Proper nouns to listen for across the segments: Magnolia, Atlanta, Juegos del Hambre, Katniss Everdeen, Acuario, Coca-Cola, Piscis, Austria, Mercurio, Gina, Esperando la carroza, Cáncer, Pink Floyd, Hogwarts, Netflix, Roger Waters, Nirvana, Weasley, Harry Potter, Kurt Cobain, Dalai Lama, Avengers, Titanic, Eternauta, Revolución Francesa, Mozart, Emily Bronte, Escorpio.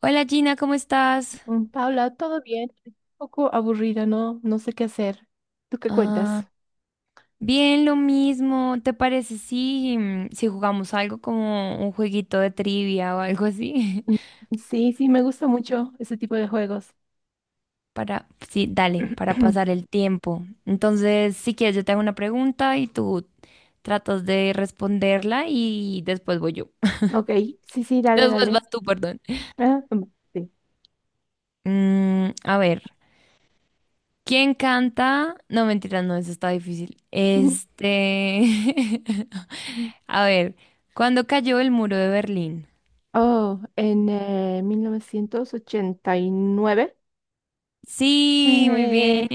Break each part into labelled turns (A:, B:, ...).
A: Hola Gina, ¿cómo estás?
B: Paula, todo bien, un poco aburrida, no, no sé qué hacer. ¿Tú qué
A: Ah,
B: cuentas?
A: bien, lo mismo. ¿Te parece si jugamos algo como un jueguito de trivia o algo así?
B: Mm, sí, sí, me gusta mucho ese tipo de juegos.
A: Sí, dale, para pasar el tiempo. Entonces, si quieres, yo te hago una pregunta y tú tratas de responderla y después voy yo.
B: Ok, sí, sí, dale,
A: Después
B: dale.
A: vas tú, perdón.
B: Ah, mm, sí.
A: A ver, ¿quién canta? No, mentira, no, eso está difícil.
B: Ujú.
A: Este, a ver, ¿cuándo cayó el muro de Berlín?
B: Oh, en 1989,
A: Sí, muy bien.
B: eh,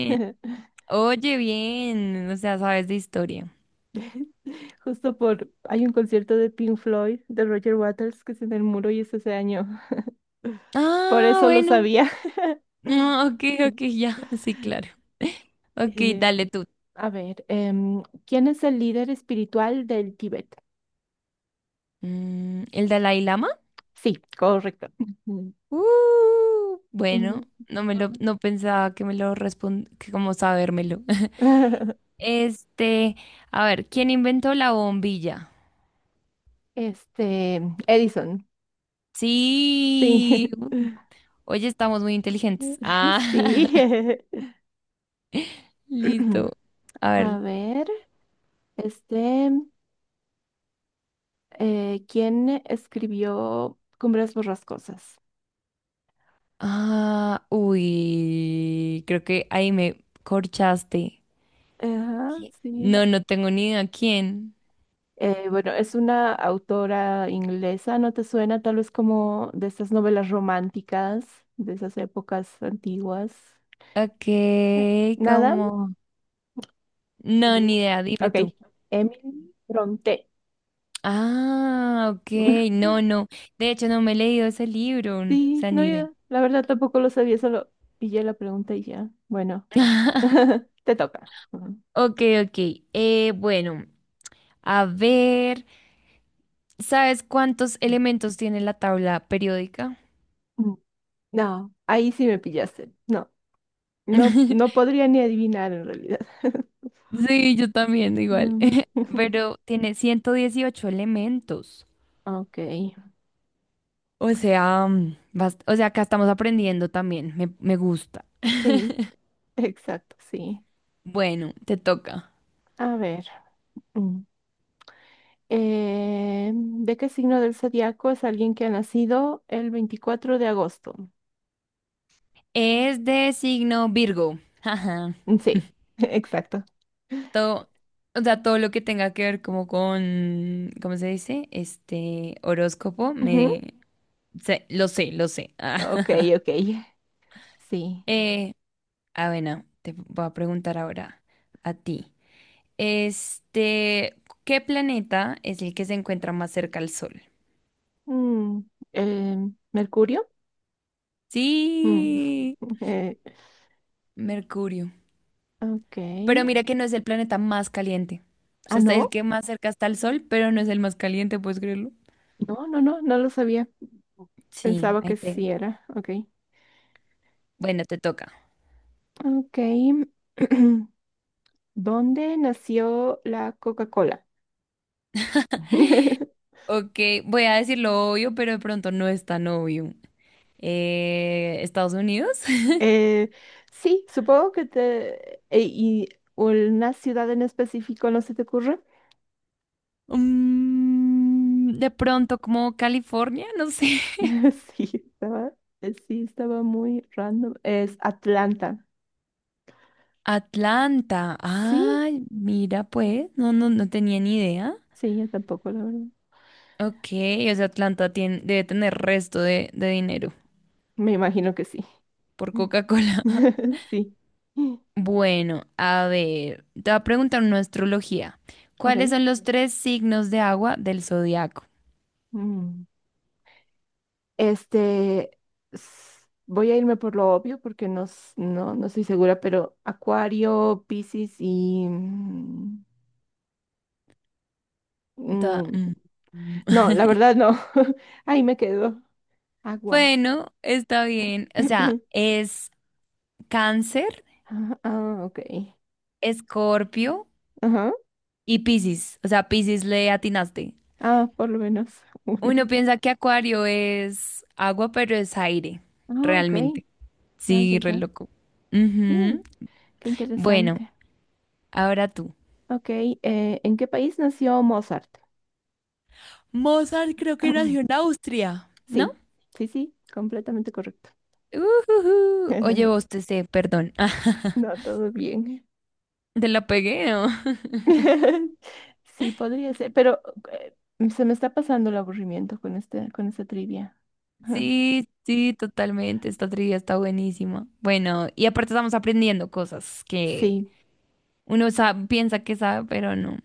A: Oye, bien. O sea, sabes de historia.
B: hay un concierto de Pink Floyd, de Roger Waters, que es en el muro y es ese año. Por
A: Ah,
B: eso lo
A: bueno.
B: sabía.
A: No, ok, ok, ya. Sí, claro. Ok,
B: Eh,
A: dale tú.
B: A ver, ¿quién es el líder espiritual del Tíbet?
A: ¿El Dalai Lama?
B: Sí, correcto. Ujú.
A: Bueno,
B: Ujú.
A: no pensaba que me lo que como sabérmelo. Este, a ver, ¿quién inventó la bombilla?
B: Este, Edison, sí.
A: Sí. Oye, estamos muy inteligentes. Ah,
B: Sí.
A: listo. A
B: A
A: ver.
B: ver, este, ¿quién escribió Cumbres Borrascosas?
A: Ah, uy, creo que ahí me corchaste.
B: Ajá, sí.
A: No, no tengo ni idea quién.
B: Bueno, es una autora inglesa, ¿no te suena tal vez como de esas novelas románticas, de esas épocas antiguas?
A: Ok,
B: Eh, Nada.
A: como... No,
B: Mm,
A: ni idea, dime tú.
B: ok. Emily Bronte.
A: Ah, ok, no, no. De hecho, no me he leído ese libro, o
B: Sí,
A: sea,
B: no,
A: ni idea.
B: yo la verdad tampoco lo sabía, solo pillé la pregunta y ya. Bueno, te toca. Ujú.
A: Ok, ok. Bueno, a ver, ¿sabes cuántos elementos tiene la tabla periódica?
B: Mm. No, ahí sí me pillaste. No, no, no podría ni adivinar en realidad.
A: Sí, yo también, igual.
B: Mm.
A: Pero tiene 118 elementos.
B: Ok,
A: O sea, acá estamos aprendiendo también. Me gusta.
B: sí, exacto, sí.
A: Bueno, te toca.
B: A ver, mm, ¿de qué signo del zodiaco es alguien que ha nacido el 24 de agosto?
A: Es de signo Virgo. Ajá.
B: Mm, sí, exacto.
A: Todo, o sea, todo lo que tenga que ver como con, ¿cómo se dice? Este horóscopo,
B: Ujú.
A: lo sé, lo sé.
B: Ok, ok. Sí.
A: Eh, bueno, te voy a preguntar ahora a ti. Este, ¿qué planeta es el que se encuentra más cerca al Sol?
B: Mm, eh, Mercurio. Mm,
A: Sí,
B: eh,
A: Mercurio.
B: ok.
A: Pero mira que no es el planeta más caliente. O
B: Ah,
A: sea, es
B: no.
A: el que más cerca está al Sol, pero no es el más caliente, ¿puedes creerlo?
B: No, no, no, no lo sabía.
A: Sí,
B: Pensaba
A: ahí
B: que
A: te...
B: sí era. Ok.
A: Bueno, te toca.
B: Ok. ¿Dónde nació la Coca-Cola?
A: Ok, voy a decir lo obvio, pero de pronto no es tan obvio. ¿Estados Unidos?
B: Eh, sí. supongo que te... e- ¿Y una ciudad en específico no se te ocurre?
A: De pronto como California, no sé.
B: Sí, estaba, sí, estaba muy random. Es Atlanta.
A: Atlanta.
B: Sí,
A: Ay, mira pues, no, no, no tenía ni idea.
B: sí, yo tampoco, la verdad.
A: Ok, o sea, debe tener resto de dinero
B: Me imagino que sí.
A: por Coca-Cola.
B: Sí.
A: Bueno, a ver, te voy a preguntar una astrología. ¿Cuáles
B: Ok.
A: son los tres signos de agua del zodiaco?
B: Mm. Este, voy a irme por lo obvio porque no, no, no estoy segura, pero Acuario, Piscis y... mm,
A: Mm, mm.
B: no, la verdad no. Ahí me quedo. Agua.
A: Bueno, está bien. O sea, es Cáncer,
B: Ah, ah, ok.
A: Escorpio
B: Ajá.
A: y Piscis. O sea, Piscis le atinaste.
B: Ah, por lo menos.
A: Uno piensa que Acuario es agua, pero es aire,
B: Ah, ok,
A: realmente.
B: ya, ya,
A: Sí, re
B: ya.
A: loco. Ujú.
B: Sí, qué
A: Bueno,
B: interesante.
A: ahora tú.
B: Ok, ¿en qué país nació Mozart?
A: Mozart creo que nació en Austria. ¿No?
B: Sí, sí, sí, completamente correcto.
A: Ujujú. Oye, vos te sé, perdón.
B: No, todo bien.
A: Te la pegué, ¿no?
B: Sí, podría ser, pero eh, se me está pasando el aburrimiento con con esta trivia.
A: Sí, sí, totalmente. Esta trivia está buenísima. Bueno, y aparte estamos aprendiendo cosas que
B: Sí.
A: uno piensa que sabe, pero no.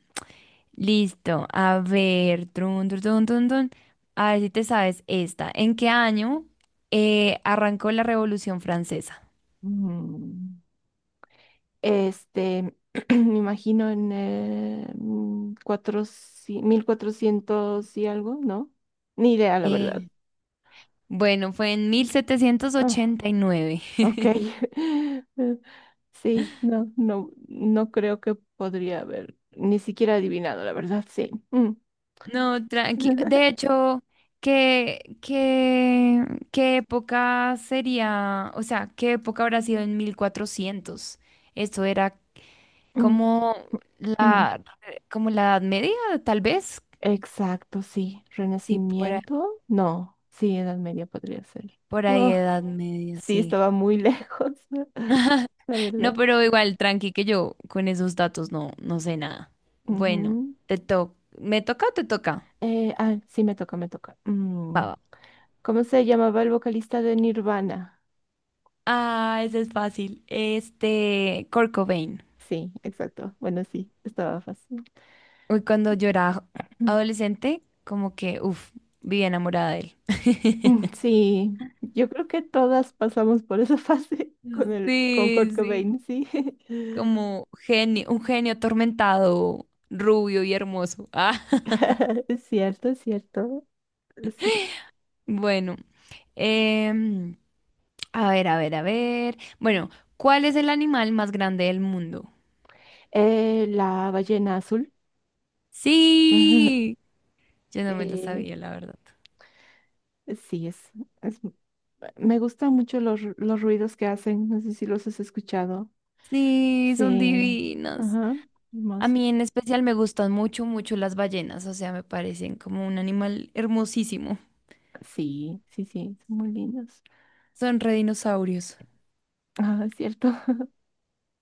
A: Listo. A ver, trun, trun, trun, trun, trun. A ver si te sabes esta. ¿En qué año arrancó la Revolución Francesa?
B: Mm. Este, me imagino en eh, mm, 400 1400 y algo, ¿no? Ni idea, la verdad.
A: Eh, bueno, fue en
B: Ah.
A: 1789.
B: Ok. Sí, no, no, no creo que podría haber ni siquiera adivinado, la verdad, sí. Mm.
A: No, tranqui. De hecho, ¿qué, qué, qué época sería. O sea, ¿qué época habrá sido en 1400? Esto era
B: Mm,
A: como
B: mm.
A: la, como la Edad Media, tal vez.
B: Exacto, sí.
A: Sí,
B: Renacimiento, no. Sí, Edad Media podría ser.
A: por ahí
B: Oh,
A: Edad Media,
B: sí,
A: sí.
B: estaba muy lejos, la
A: No,
B: verdad.
A: pero igual, tranqui, que yo con esos datos no sé nada. Bueno,
B: Ujú.
A: te to ¿me toca o te toca?
B: Sí, me toca, me toca.
A: Va, va.
B: ¿Cómo se llamaba el vocalista de Nirvana?
A: Ah, ese es fácil. Este, Kurt Cobain.
B: Sí, exacto. Bueno, sí, estaba fácil.
A: Uy, cuando yo era adolescente, como que, uff, vivía enamorada de él.
B: Mm, sí, yo creo que todas pasamos por esa fase con
A: Sí,
B: Kurt
A: sí,
B: Cobain, sí.
A: como genio, un genio atormentado, rubio y hermoso. Ah,
B: Es cierto, es cierto. Sí.
A: bueno, em, a ver, a ver, a ver. Bueno, ¿cuál es el animal más grande del mundo?
B: La ballena azul. Ujú.
A: Sí, yo no me lo
B: Eh,
A: sabía, la verdad.
B: sí, es- me gustan mucho los, los ruidos que hacen. No sé si los has escuchado.
A: Sí, son
B: Sí.
A: divinas.
B: Ajá.
A: A
B: Hermosos.
A: mí en especial me gustan mucho, mucho las ballenas, o sea, me parecen como un animal hermosísimo.
B: Sí, sí, sí. Son muy lindos.
A: Son redinosaurios.
B: Ah, es cierto.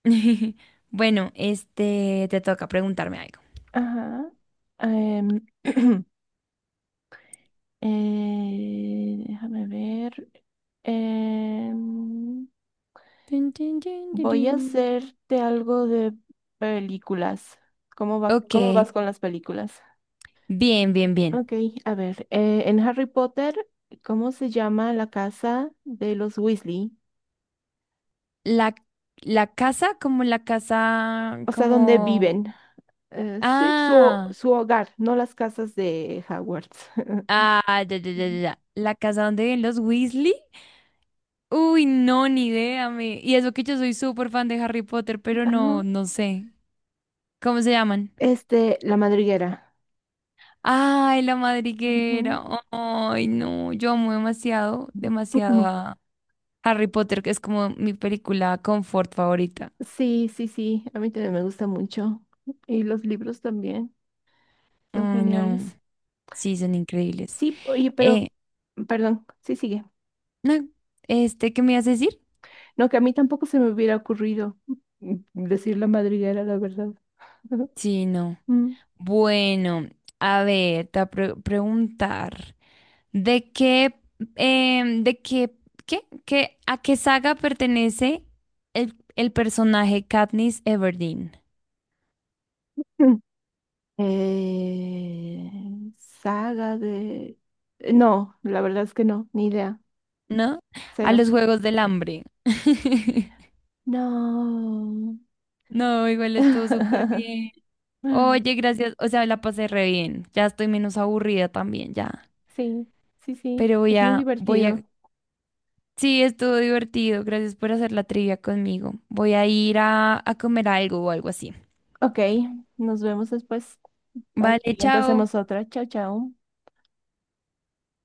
A: Bueno, este, te toca preguntarme algo.
B: Ajá. Em, Déjame ver. Em,
A: Tin, tin, tin, tin,
B: Voy a
A: tin.
B: hacerte algo de películas. ¿Cómo va,
A: Ok,
B: cómo vas con las películas?
A: bien, bien, bien.
B: Ok, a ver. En Harry Potter, ¿cómo se llama la casa de los Weasley?
A: La, la casa, como la casa,
B: O sea, ¿dónde
A: como.
B: viven? Sí, su,
A: Ah,
B: su hogar, no las casas de Hogwarts.
A: ah, ya, ya, ya, ya.
B: Ujú.
A: ya. La casa donde viven los Weasley. Uy, no, ni idea, me. Y eso que yo soy súper fan de Harry Potter, pero no,
B: Ajá.
A: no sé. ¿Cómo se llaman?
B: La madriguera.
A: Ay, la
B: Ujú.
A: madriguera. Ay, no, yo amo demasiado, demasiado a Harry Potter, que es como mi película confort favorita.
B: Sí, sí, sí, a mí también me gusta mucho. Y los libros también son
A: Ay, no.
B: geniales.
A: Sí, son increíbles.
B: Sí, oye, pero,
A: Eh,
B: perdón, sí, sigue.
A: no, este, ¿qué me ibas a decir?
B: No, que a mí tampoco se me hubiera ocurrido decir la madriguera, la verdad.
A: Sí, no.
B: Mm.
A: Bueno, a ver, te voy a preguntar. ¿De qué, em, de qué, qué, qué- A qué saga pertenece el personaje Katniss Everdeen?
B: Mm. Saga de... no, la verdad es que no, ni idea,
A: ¿No? A
B: cero.
A: los Juegos del Hambre.
B: No.
A: No, igual estuvo súper bien. Oye, gracias. O sea, la pasé re bien. Ya estoy menos aburrida también, ya.
B: Sí, sí, sí,
A: Pero voy
B: es muy
A: a, voy
B: divertido.
A: a. Sí, estuvo divertido. Gracias por hacer la trivia conmigo. Voy a ir a comer algo o algo así.
B: Ok, nos vemos después. Para el
A: Vale,
B: siguiente
A: chao.
B: hacemos otra. Chao, chao.